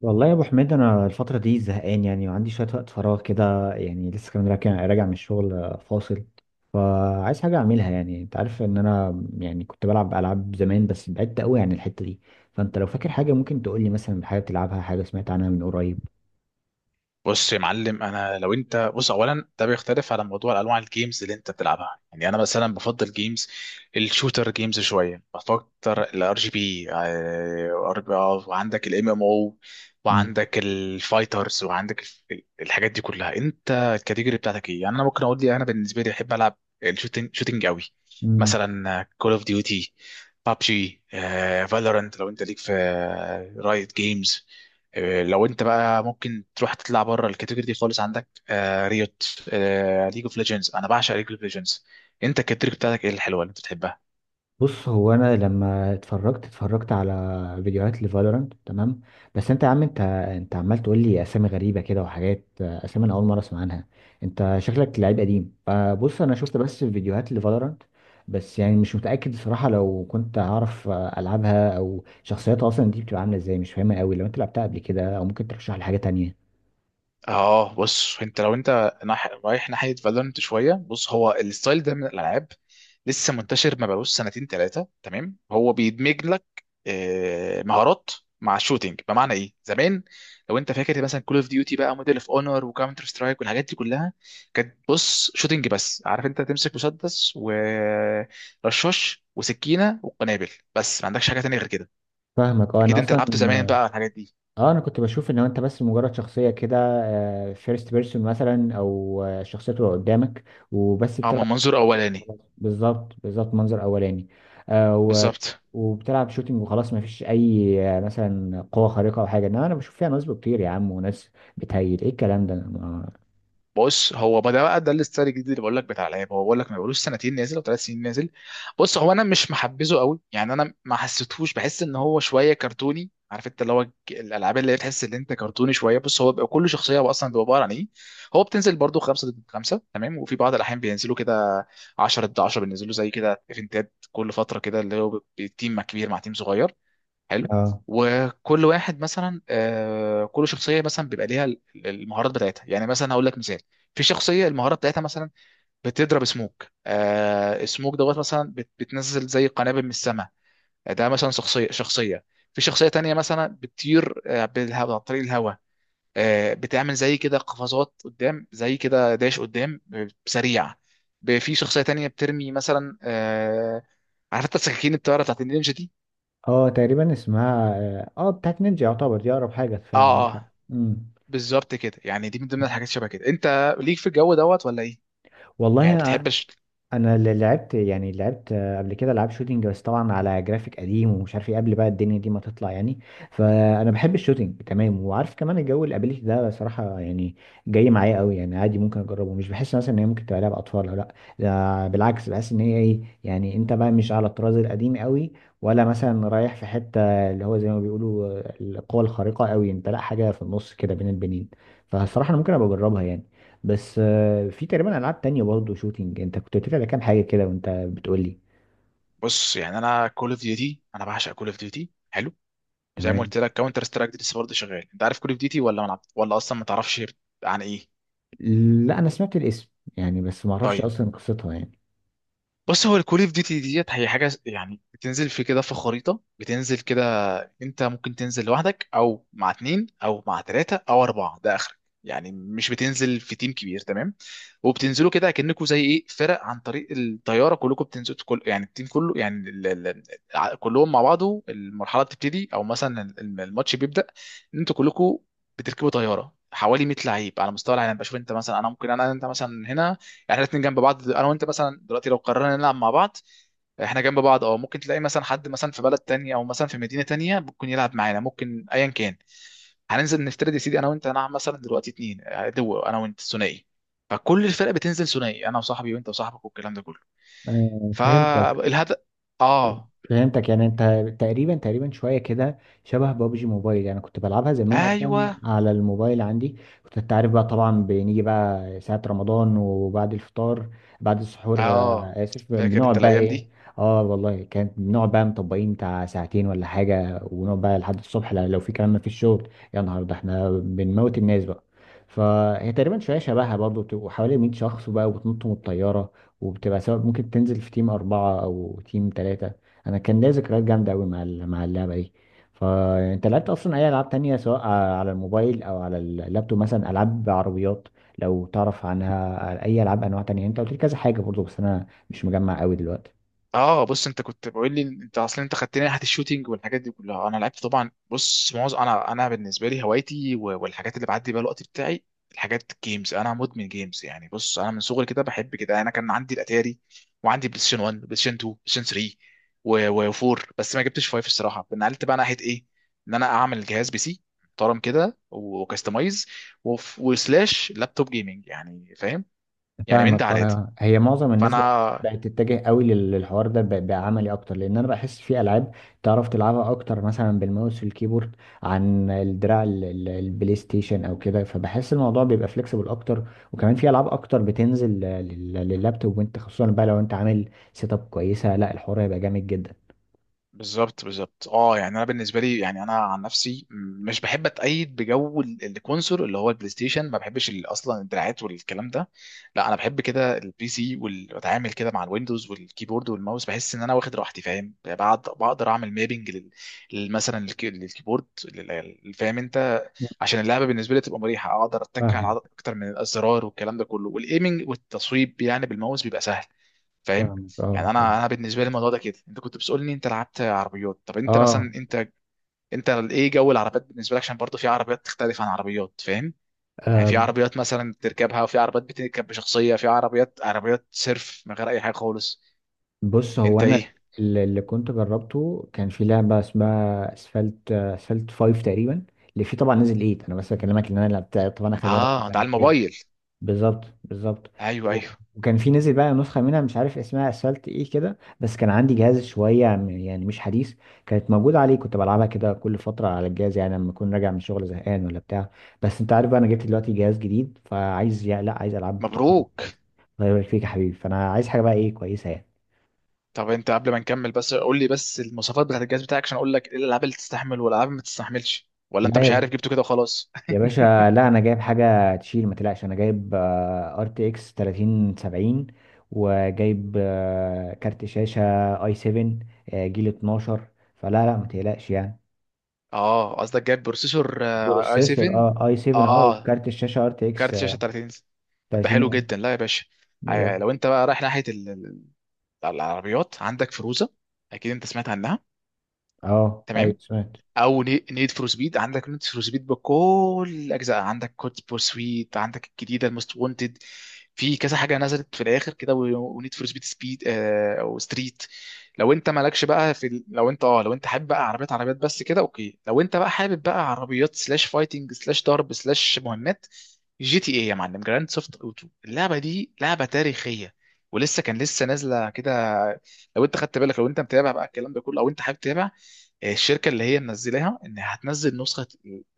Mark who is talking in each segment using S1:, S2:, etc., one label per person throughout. S1: والله يا ابو حميد، انا الفتره دي زهقان يعني، وعندي شويه وقت فراغ كده يعني لسه كمان راجع من الشغل، فاصل. فعايز حاجه اعملها. يعني انت عارف ان انا يعني كنت بلعب العاب زمان، بس بعدت قوي عن الحته دي. فانت لو فاكر حاجه ممكن تقول لي، مثلا حاجه بتلعبها، حاجه سمعت عنها من قريب.
S2: بص يا معلم، انا لو انت بص اولا ده بيختلف على موضوع انواع الجيمز اللي انت بتلعبها. يعني انا مثلا بفضل جيمز الشوتر، جيمز شويه بفكر الار جي بي، وعندك الام ام او، وعندك الفايترز، وعندك الحاجات دي كلها. انت الكاتيجوري بتاعتك ايه؟ يعني انا ممكن اقول لي انا بالنسبه لي بحب العب الشوتينج، شوتينج قوي،
S1: امم.
S2: مثلا كول اوف ديوتي، بابجي، فالورانت. لو انت ليك في رايت جيمز، لو انت بقى ممكن تروح تطلع بره الكاتيجوري دي خالص، عندك آه ريوت، آه ليج اوف ليجندز. انا بعشق ليج اوف ليجندز. انت الكاتيجوري بتاعتك ايه الحلوه اللي انت بتحبها؟
S1: بص، هو انا لما اتفرجت على فيديوهات لفالورانت، تمام، بس انت يا عم، انت عمال تقول لي اسامي غريبه كده وحاجات، اسامي انا اول مره اسمع عنها. انت شكلك لعيب قديم. فبص انا شفت بس فيديوهات لفالورانت، بس يعني مش متاكد الصراحه لو كنت هعرف العبها، او شخصيتها اصلا دي بتبقى عامله ازاي، مش فاهمها قوي. لو انت لعبتها قبل كده او ممكن ترشح لي حاجه تانية.
S2: اه بص، انت لو انت رايح ناحيه فالورنت شويه، بص هو الستايل ده من الالعاب لسه منتشر، ما بقالوش سنتين ثلاثه، تمام؟ هو بيدمج لك مهارات مع الشوتينج. بمعنى ايه؟ زمان لو انت فاكر، مثلا كول اوف ديوتي بقى، موديل اوف اونر، وكاونتر سترايك، والحاجات دي كلها كانت بص شوتينج بس. عارف، انت تمسك مسدس ورشاش وسكينه وقنابل، بس ما عندكش حاجه تانية غير كده.
S1: فاهمك، اه انا
S2: اكيد انت
S1: اصلا،
S2: لعبت زمان بقى الحاجات دي.
S1: اه انا كنت بشوف ان انت بس مجرد شخصيه كده، فيرست بيرسون مثلا، او الشخصيه تبقى قدامك وبس
S2: اه، من
S1: بتلعب.
S2: منظور اولاني.
S1: بالظبط بالظبط، منظر اولاني. آه و...
S2: بالظبط.
S1: وبتلعب شوتينج وخلاص، ما فيش اي مثلا قوه خارقه او حاجه، انما انا بشوف فيها نصب كتير يا عم، وناس بتهيل ايه الكلام ده
S2: بص هو ما ده بقى ده الاستايل الجديد اللي بقول لك، بتاع العيب، هو بقول لك ما بقولوش سنتين نازل او ثلاث سنين نازل. بص هو انا مش محبذه قوي، يعني انا ما حسيتهوش، بحس ان هو شويه كرتوني. عارف انت اللي هو الالعاب اللي هي تحس ان انت كرتوني شويه. بص هو بيبقى كل شخصيه، هو اصلا بيبقى عباره عن ايه، هو بتنزل برضو خمسه ضد خمسه، تمام؟ وفي بعض الاحيان بينزلوا كده 10 ضد 10، بينزلوا زي كده ايفنتات كل فتره كده، اللي هو تيم مع كبير مع تيم صغير. حلو.
S1: اه
S2: وكل واحد مثلا، كل شخصيه مثلا بيبقى ليها المهارات بتاعتها. يعني مثلا هقول لك مثال، في شخصيه المهارات بتاعتها مثلا بتضرب سموك، سموك دوت مثلا، بتنزل زي قنابل من السماء. ده مثلا شخصيه، شخصيه. في شخصيه تانية مثلا بتطير، بالهواء، عن طريق الهواء، بتعمل زي كده قفزات قدام، زي كده داش قدام، سريع. في شخصيه تانية بترمي مثلا، عارف انت السكاكين الطياره بتاعت النينجا دي.
S1: اه، تقريبا اسمها بتاعت نينجا يعتبر، دي اقرب حاجه فعلا،
S2: اه
S1: عندك حق.
S2: اه.
S1: امم.
S2: بالظبط كده. يعني دي من ضمن الحاجات شبه كده. انت ليك في الجو دوت ولا ايه؟ يعني
S1: والله،
S2: بتحبش؟
S1: انا اللي لعبت قبل كده العاب شوتينج، بس طبعا على جرافيك قديم ومش عارف ايه قبل بقى الدنيا دي ما تطلع يعني. فانا بحب الشوتينج، تمام، وعارف كمان الجو الابيليتي ده صراحه يعني جاي معايا قوي. يعني عادي ممكن اجربه، مش بحس مثلا ان هي ممكن تبقى لعبه اطفال ولا لا. ده بالعكس، بحس ان هي ايه يعني، انت بقى مش على الطراز القديم قوي، ولا مثلا رايح في حته اللي هو زي ما بيقولوا القوى الخارقه قوي، انت لا، حاجه في النص كده بين البنين. فالصراحه انا ممكن ابقى اجربها يعني. بس في تقريبا العاب تانية برضه شوتينج انت كنت قلت لي على كام حاجه كده وانت بتقول لي.
S2: بص يعني انا كول اوف ديوتي، انا بعشق كول اوف ديوتي. حلو. وزي ما
S1: تمام.
S2: قلت لك كاونتر سترايك دي لسه برضه شغال. انت عارف كول اوف ديوتي، ولا ما لعبت، ولا اصلا ما تعرفش عن ايه؟
S1: لا، انا سمعت الاسم يعني، بس ما اعرفش
S2: طيب،
S1: اصلا قصتها يعني.
S2: بص هو الكول اوف ديوتي ديت هي حاجه يعني بتنزل في كده في خريطه، بتنزل كده. انت ممكن تنزل لوحدك، او مع اتنين، او مع تلاته، او اربعه ده اخرك. يعني مش بتنزل في تيم كبير، تمام؟ وبتنزلوا كده كأنكوا زي ايه، فرق، عن طريق الطياره كلكم بتنزلوا. كل يعني التيم كله، يعني كلهم مع بعضه المرحله بتبتدي، او مثلا الماتش بيبدأ ان انتوا كلكم بتركبوا طياره، حوالي 100 لعيب على مستوى العالم. بشوف انت مثلا، انا ممكن انا انت مثلا هنا، يعني احنا الاثنين جنب بعض انا وانت، مثلا دلوقتي لو قررنا نلعب مع بعض احنا جنب بعض، اه ممكن تلاقي مثلا حد مثلا في بلد تانية، او مثلا في مدينة تانية، ممكن يلعب معانا، ممكن ايا كان. هننزل، نفترض يا سيدي انا وانت هنلعب مثلا دلوقتي اتنين، دو، انا وانت ثنائي. فكل الفرق بتنزل ثنائي، انا وصاحبي وانت وصاحبك والكلام ده كله.
S1: فهمتك.
S2: فالهدف، اه،
S1: فهمتك يعني انت تقريبا تقريبا شويه كده شبه بابجي موبايل يعني، كنت بلعبها زمان اصلا
S2: ايوه.
S1: على الموبايل عندي. كنت انت عارف بقى طبعا، بنيجي بقى ساعه رمضان وبعد الفطار، بعد السحور،
S2: اه،
S1: اسف،
S2: فاكر انت
S1: بنقعد بقى
S2: الايام
S1: ايه.
S2: دي.
S1: اه والله، كانت بنقعد بقى مطبقين بتاع 2 ساعتين ولا حاجه، ونقعد بقى لحد الصبح لو في كلام ما فيش شغل. يا نهار ده احنا بنموت الناس بقى. فهي تقريبا شويه شبهها برضه، بتبقوا حوالي 100 شخص بقى وبتنطوا من الطياره. وبتبقى سواء ممكن تنزل في تيم 4 أو تيم 3. انا كان ليا ذكريات جامده قوي مع مع اللعبه دي. فانت لعبت اصلا اي العاب تانية، سواء على الموبايل او على اللابتوب، مثلا العاب عربيات؟ لو تعرف عنها اي العاب انواع تانية. انت قلت لي كذا حاجه برضو بس انا مش مجمع قوي دلوقتي.
S2: اه بص، انت كنت بقول لي، انت اصلا انت خدتني ناحيه الشوتينج والحاجات دي كلها. انا لعبت طبعا، بص معظم انا بالنسبه لي هوايتي والحاجات اللي بعدي بيها الوقت بتاعي، الحاجات، جيمز. انا مدمن جيمز يعني. بص انا من صغري كده بحب كده، انا كان عندي الاتاري، وعندي بلاي ستيشن 1، بلاي ستيشن 2، بلاي ستيشن 3، و4، بس ما جبتش 5 الصراحه. نقلت بقى ناحيه ايه، ان انا اعمل جهاز بي سي محترم كده وكستمايز، وسلاش لابتوب جيمنج يعني، فاهم؟ يعني من
S1: فاهمك.
S2: ده على ده.
S1: هي معظم الناس بقت
S2: فانا
S1: بقت تتجه قوي للحوار ده، بقى بقى عملي اكتر، لان انا بحس في العاب تعرف تلعبها اكتر مثلا بالماوس والكيبورد، عن الدراع البلاي ستيشن او كده. فبحس الموضوع بيبقى فليكسيبل اكتر، وكمان في العاب اكتر بتنزل لللابتوب. وانت خصوصا بقى لو انت عامل سيت اب كويسه، لا الحوار هيبقى جامد جدا.
S2: بالظبط بالظبط. اه يعني انا بالنسبه لي، يعني انا عن نفسي مش بحب اتأيد بجو الكونسول اللي هو البلاي ستيشن. ما بحبش اصلا الدراعات والكلام ده. لا، انا بحب كده البي سي، واتعامل كده مع الويندوز والكيبورد والماوس. بحس ان انا واخد راحتي، فاهم؟ بعد بقدر اعمل مابنج مثلا للكيبورد فاهم انت، عشان اللعبه بالنسبه لي تبقى مريحه، اقدر اتك على عدد
S1: فاهمك
S2: اكتر من الازرار والكلام ده كله. والايمنج والتصويب يعني بالماوس بيبقى سهل. فاهم؟
S1: فاهمك، اه،
S2: يعني
S1: فاهم.
S2: انا، انا بالنسبه لي الموضوع ده كده. انت كنت بتسالني انت لعبت عربيات؟ طب انت مثلا، انت انت ايه جو العربيات بالنسبه لك؟ عشان برضه في عربيات تختلف عن عربيات، فاهم؟ يعني في
S1: اه،
S2: عربيات مثلا بتركبها، وفي عربيات بتركب بشخصيه، في عربيات، عربيات سيرف من غير اي حاجه خالص.
S1: بص هو
S2: انت
S1: انا،
S2: ايه؟
S1: اللي كنت جربته كان في لعبه اسمها اسفلت 5 تقريبا، اللي فيه طبعا نزل 8. انا بس بكلمك ان انا لعبتها طبعا اخر مره من
S2: اه، ده على
S1: زمان جدا.
S2: الموبايل.
S1: بالظبط بالظبط.
S2: ايوه ايوه.
S1: وكان في، نزل بقى نسخه منها مش عارف اسمها اسفلت ايه كده، بس كان عندي جهاز شويه يعني مش حديث، كانت موجوده عليه، كنت بلعبها كده كل فتره على الجهاز يعني لما اكون راجع من شغل زهقان ولا بتاع. بس انت عارف بقى انا جبت دلوقتي جهاز جديد، فعايز لا عايز العاب تكون.
S2: مبروك.
S1: الله يبارك فيك يا حبيبي. فانا عايز حاجه بقى ايه كويسه يعني.
S2: طب انت قبل ما نكمل بس قول لي، بس المواصفات بتاعت الجهاز بتاعك، عشان اقول لك ايه الالعاب اللي تستحمل والالعاب ما تستحملش، ولا انت مش عارف
S1: لا
S2: جبته كده وخلاص؟
S1: يا باشا، لا انا جايب حاجه تشيل، ما تقلقش، انا جايب ار تي اكس 3070، وجايب كارت شاشه اي 7 جيل 12، فلا لا ما تقلقش يعني.
S2: اه قصدك جايب بروسيسور اي
S1: بروسيسور،
S2: 7.
S1: اي 7،
S2: اه. آه.
S1: وكارت الشاشه ار تي اكس
S2: وكارت شاشه 30 انش. طب ده حلو
S1: 30.
S2: جدا. لا يا باشا،
S1: بالظبط.
S2: لو انت بقى رايح ناحيه العربيات، عندك فيروزه، اكيد انت سمعت عنها،
S1: اه، ايوه
S2: تمام.
S1: سمعت.
S2: او نيد فور سبيد، عندك نيد فور سبيد بكل اجزاء، عندك كود بورسويت، عندك الجديده الموست وونتد، في كذا حاجه نزلت في الاخر كده، ونيد فور سبيد، سبيد او ستريت. لو انت مالكش بقى في لو انت اه لو انت حابب بقى عربيات، عربيات بس كده، اوكي. لو انت بقى حابب بقى عربيات سلاش فايتنج سلاش ضرب سلاش مهمات، جي تي ايه يا معلم، جراند سوفت اوتو، اللعبه دي لعبه تاريخيه، ولسه كان لسه نازله كده. لو انت خدت بالك، لو انت متابع بقى الكلام ده كله، او انت حابب تتابع، الشركه اللي هي منزلاها ان هتنزل نسخه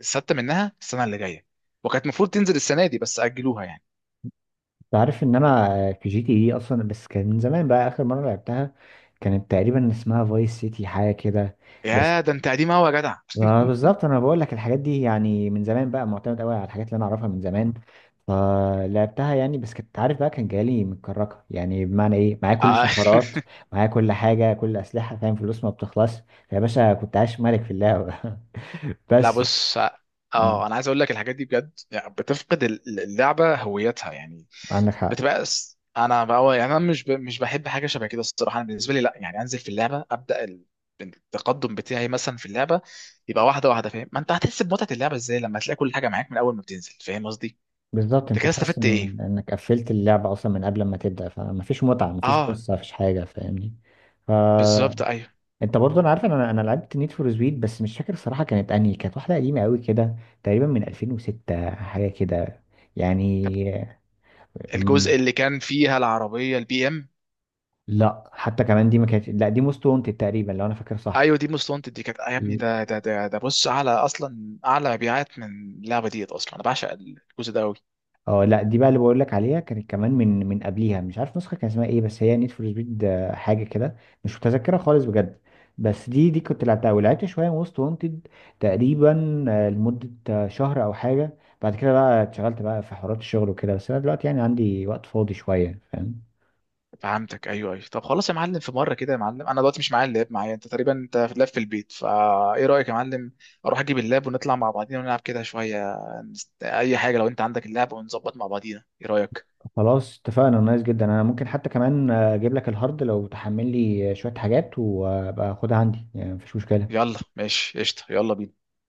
S2: السادسه منها السنه اللي جايه، وكانت المفروض تنزل السنه دي بس اجلوها يعني.
S1: انت عارف ان انا في جي تي اي اصلا بس كان من زمان بقى، اخر مره لعبتها كانت تقريبا اسمها فايس سيتي حاجه كده. بس،
S2: يا ده انت قديم قوي يا جدع.
S1: ما بالظبط انا بقول لك الحاجات دي يعني من زمان، بقى معتمد قوي على الحاجات اللي انا اعرفها من زمان. فلعبتها يعني، بس كنت عارف بقى كان جالي متكركه، يعني بمعنى ايه، معايا كل
S2: آه.
S1: الشفرات، معايا كل حاجه، كل اسلحه، فاهم، فلوس ما بتخلص، فيا باشا كنت عايش ملك في اللعبه
S2: لا
S1: بس
S2: بص،
S1: مم،
S2: اه انا عايز اقول لك الحاجات دي بجد، يعني بتفقد اللعبه هويتها يعني،
S1: عندك حق.
S2: بتبقى انا بقى يعني انا مش بحب حاجه شبه كده الصراحه. انا بالنسبه لي لا، يعني انزل في اللعبه ابدا، التقدم بتاعي مثلا في اللعبه يبقى واحده واحده، فاهم؟ ما انت هتحس بمتعه اللعبه ازاي لما تلاقي كل حاجه معاك من اول ما بتنزل؟ فاهم قصدي؟
S1: بالظبط،
S2: انت
S1: انت
S2: كده
S1: تحس
S2: استفدت ايه؟
S1: ان انك قفلت اللعبه اصلا من قبل ما تبدا، فمفيش متعه، مفيش
S2: اه،
S1: قصه، مفيش حاجه، فاهمني. ف
S2: بالظبط، ايوه.
S1: انت برضه، انا عارف ان انا لعبت نيد فور سبيد، بس مش فاكر الصراحه كانت انهي، كانت واحده قديمه قوي كده، تقريبا من 2006 حاجه كده
S2: طب
S1: يعني. من-
S2: الجزء اللي كان فيها العربيه البي ام؟
S1: لا حتى كمان دي ما كانت، لا دي موست وانتد تقريبا لو انا فاكر صح.
S2: ايوه، دي موست وانتد. دي كانت آه، يا ابني، ده ده ده ده، بص اعلى اصلا، اعلى مبيعات من اللعبه ديت اصلا. انا بعشق الجزء ده قوي.
S1: اه، لا دي بقى اللي بقول لك عليها كانت كمان، من قبليها، مش عارف نسخه كان اسمها ايه، بس هي نيد فور سبيد حاجه كده، مش متذكره خالص بجد. بس دي كنت لعبتها، ولعبت شويه وست وانتد تقريبا لمده شهر او حاجه، بعد كده بقى اتشغلت بقى في حوارات الشغل وكده. بس انا دلوقتي يعني عندي وقت فاضي شويه، فاهم.
S2: فهمتك، ايوه ايوه. طب خلاص يا معلم، في مره كده يا معلم، انا دلوقتي مش معايا اللاب، معايا انت تقريبا، انت في اللاب في البيت فا، ايه رايك يا معلم اروح اجيب اللاب ونطلع مع بعضينا ونلعب كده شويه؟ اي حاجه، لو انت عندك اللاب ونظبط مع بعضينا، ايه رايك؟
S1: خلاص اتفقنا، نايس جدا. انا ممكن حتى كمان اجيب لك الهارد، لو تحمل لي شويه حاجات وابقى اخدها عندي، يعني مفيش مشكله.
S2: يلا، ماشي، قشطه، يلا بينا.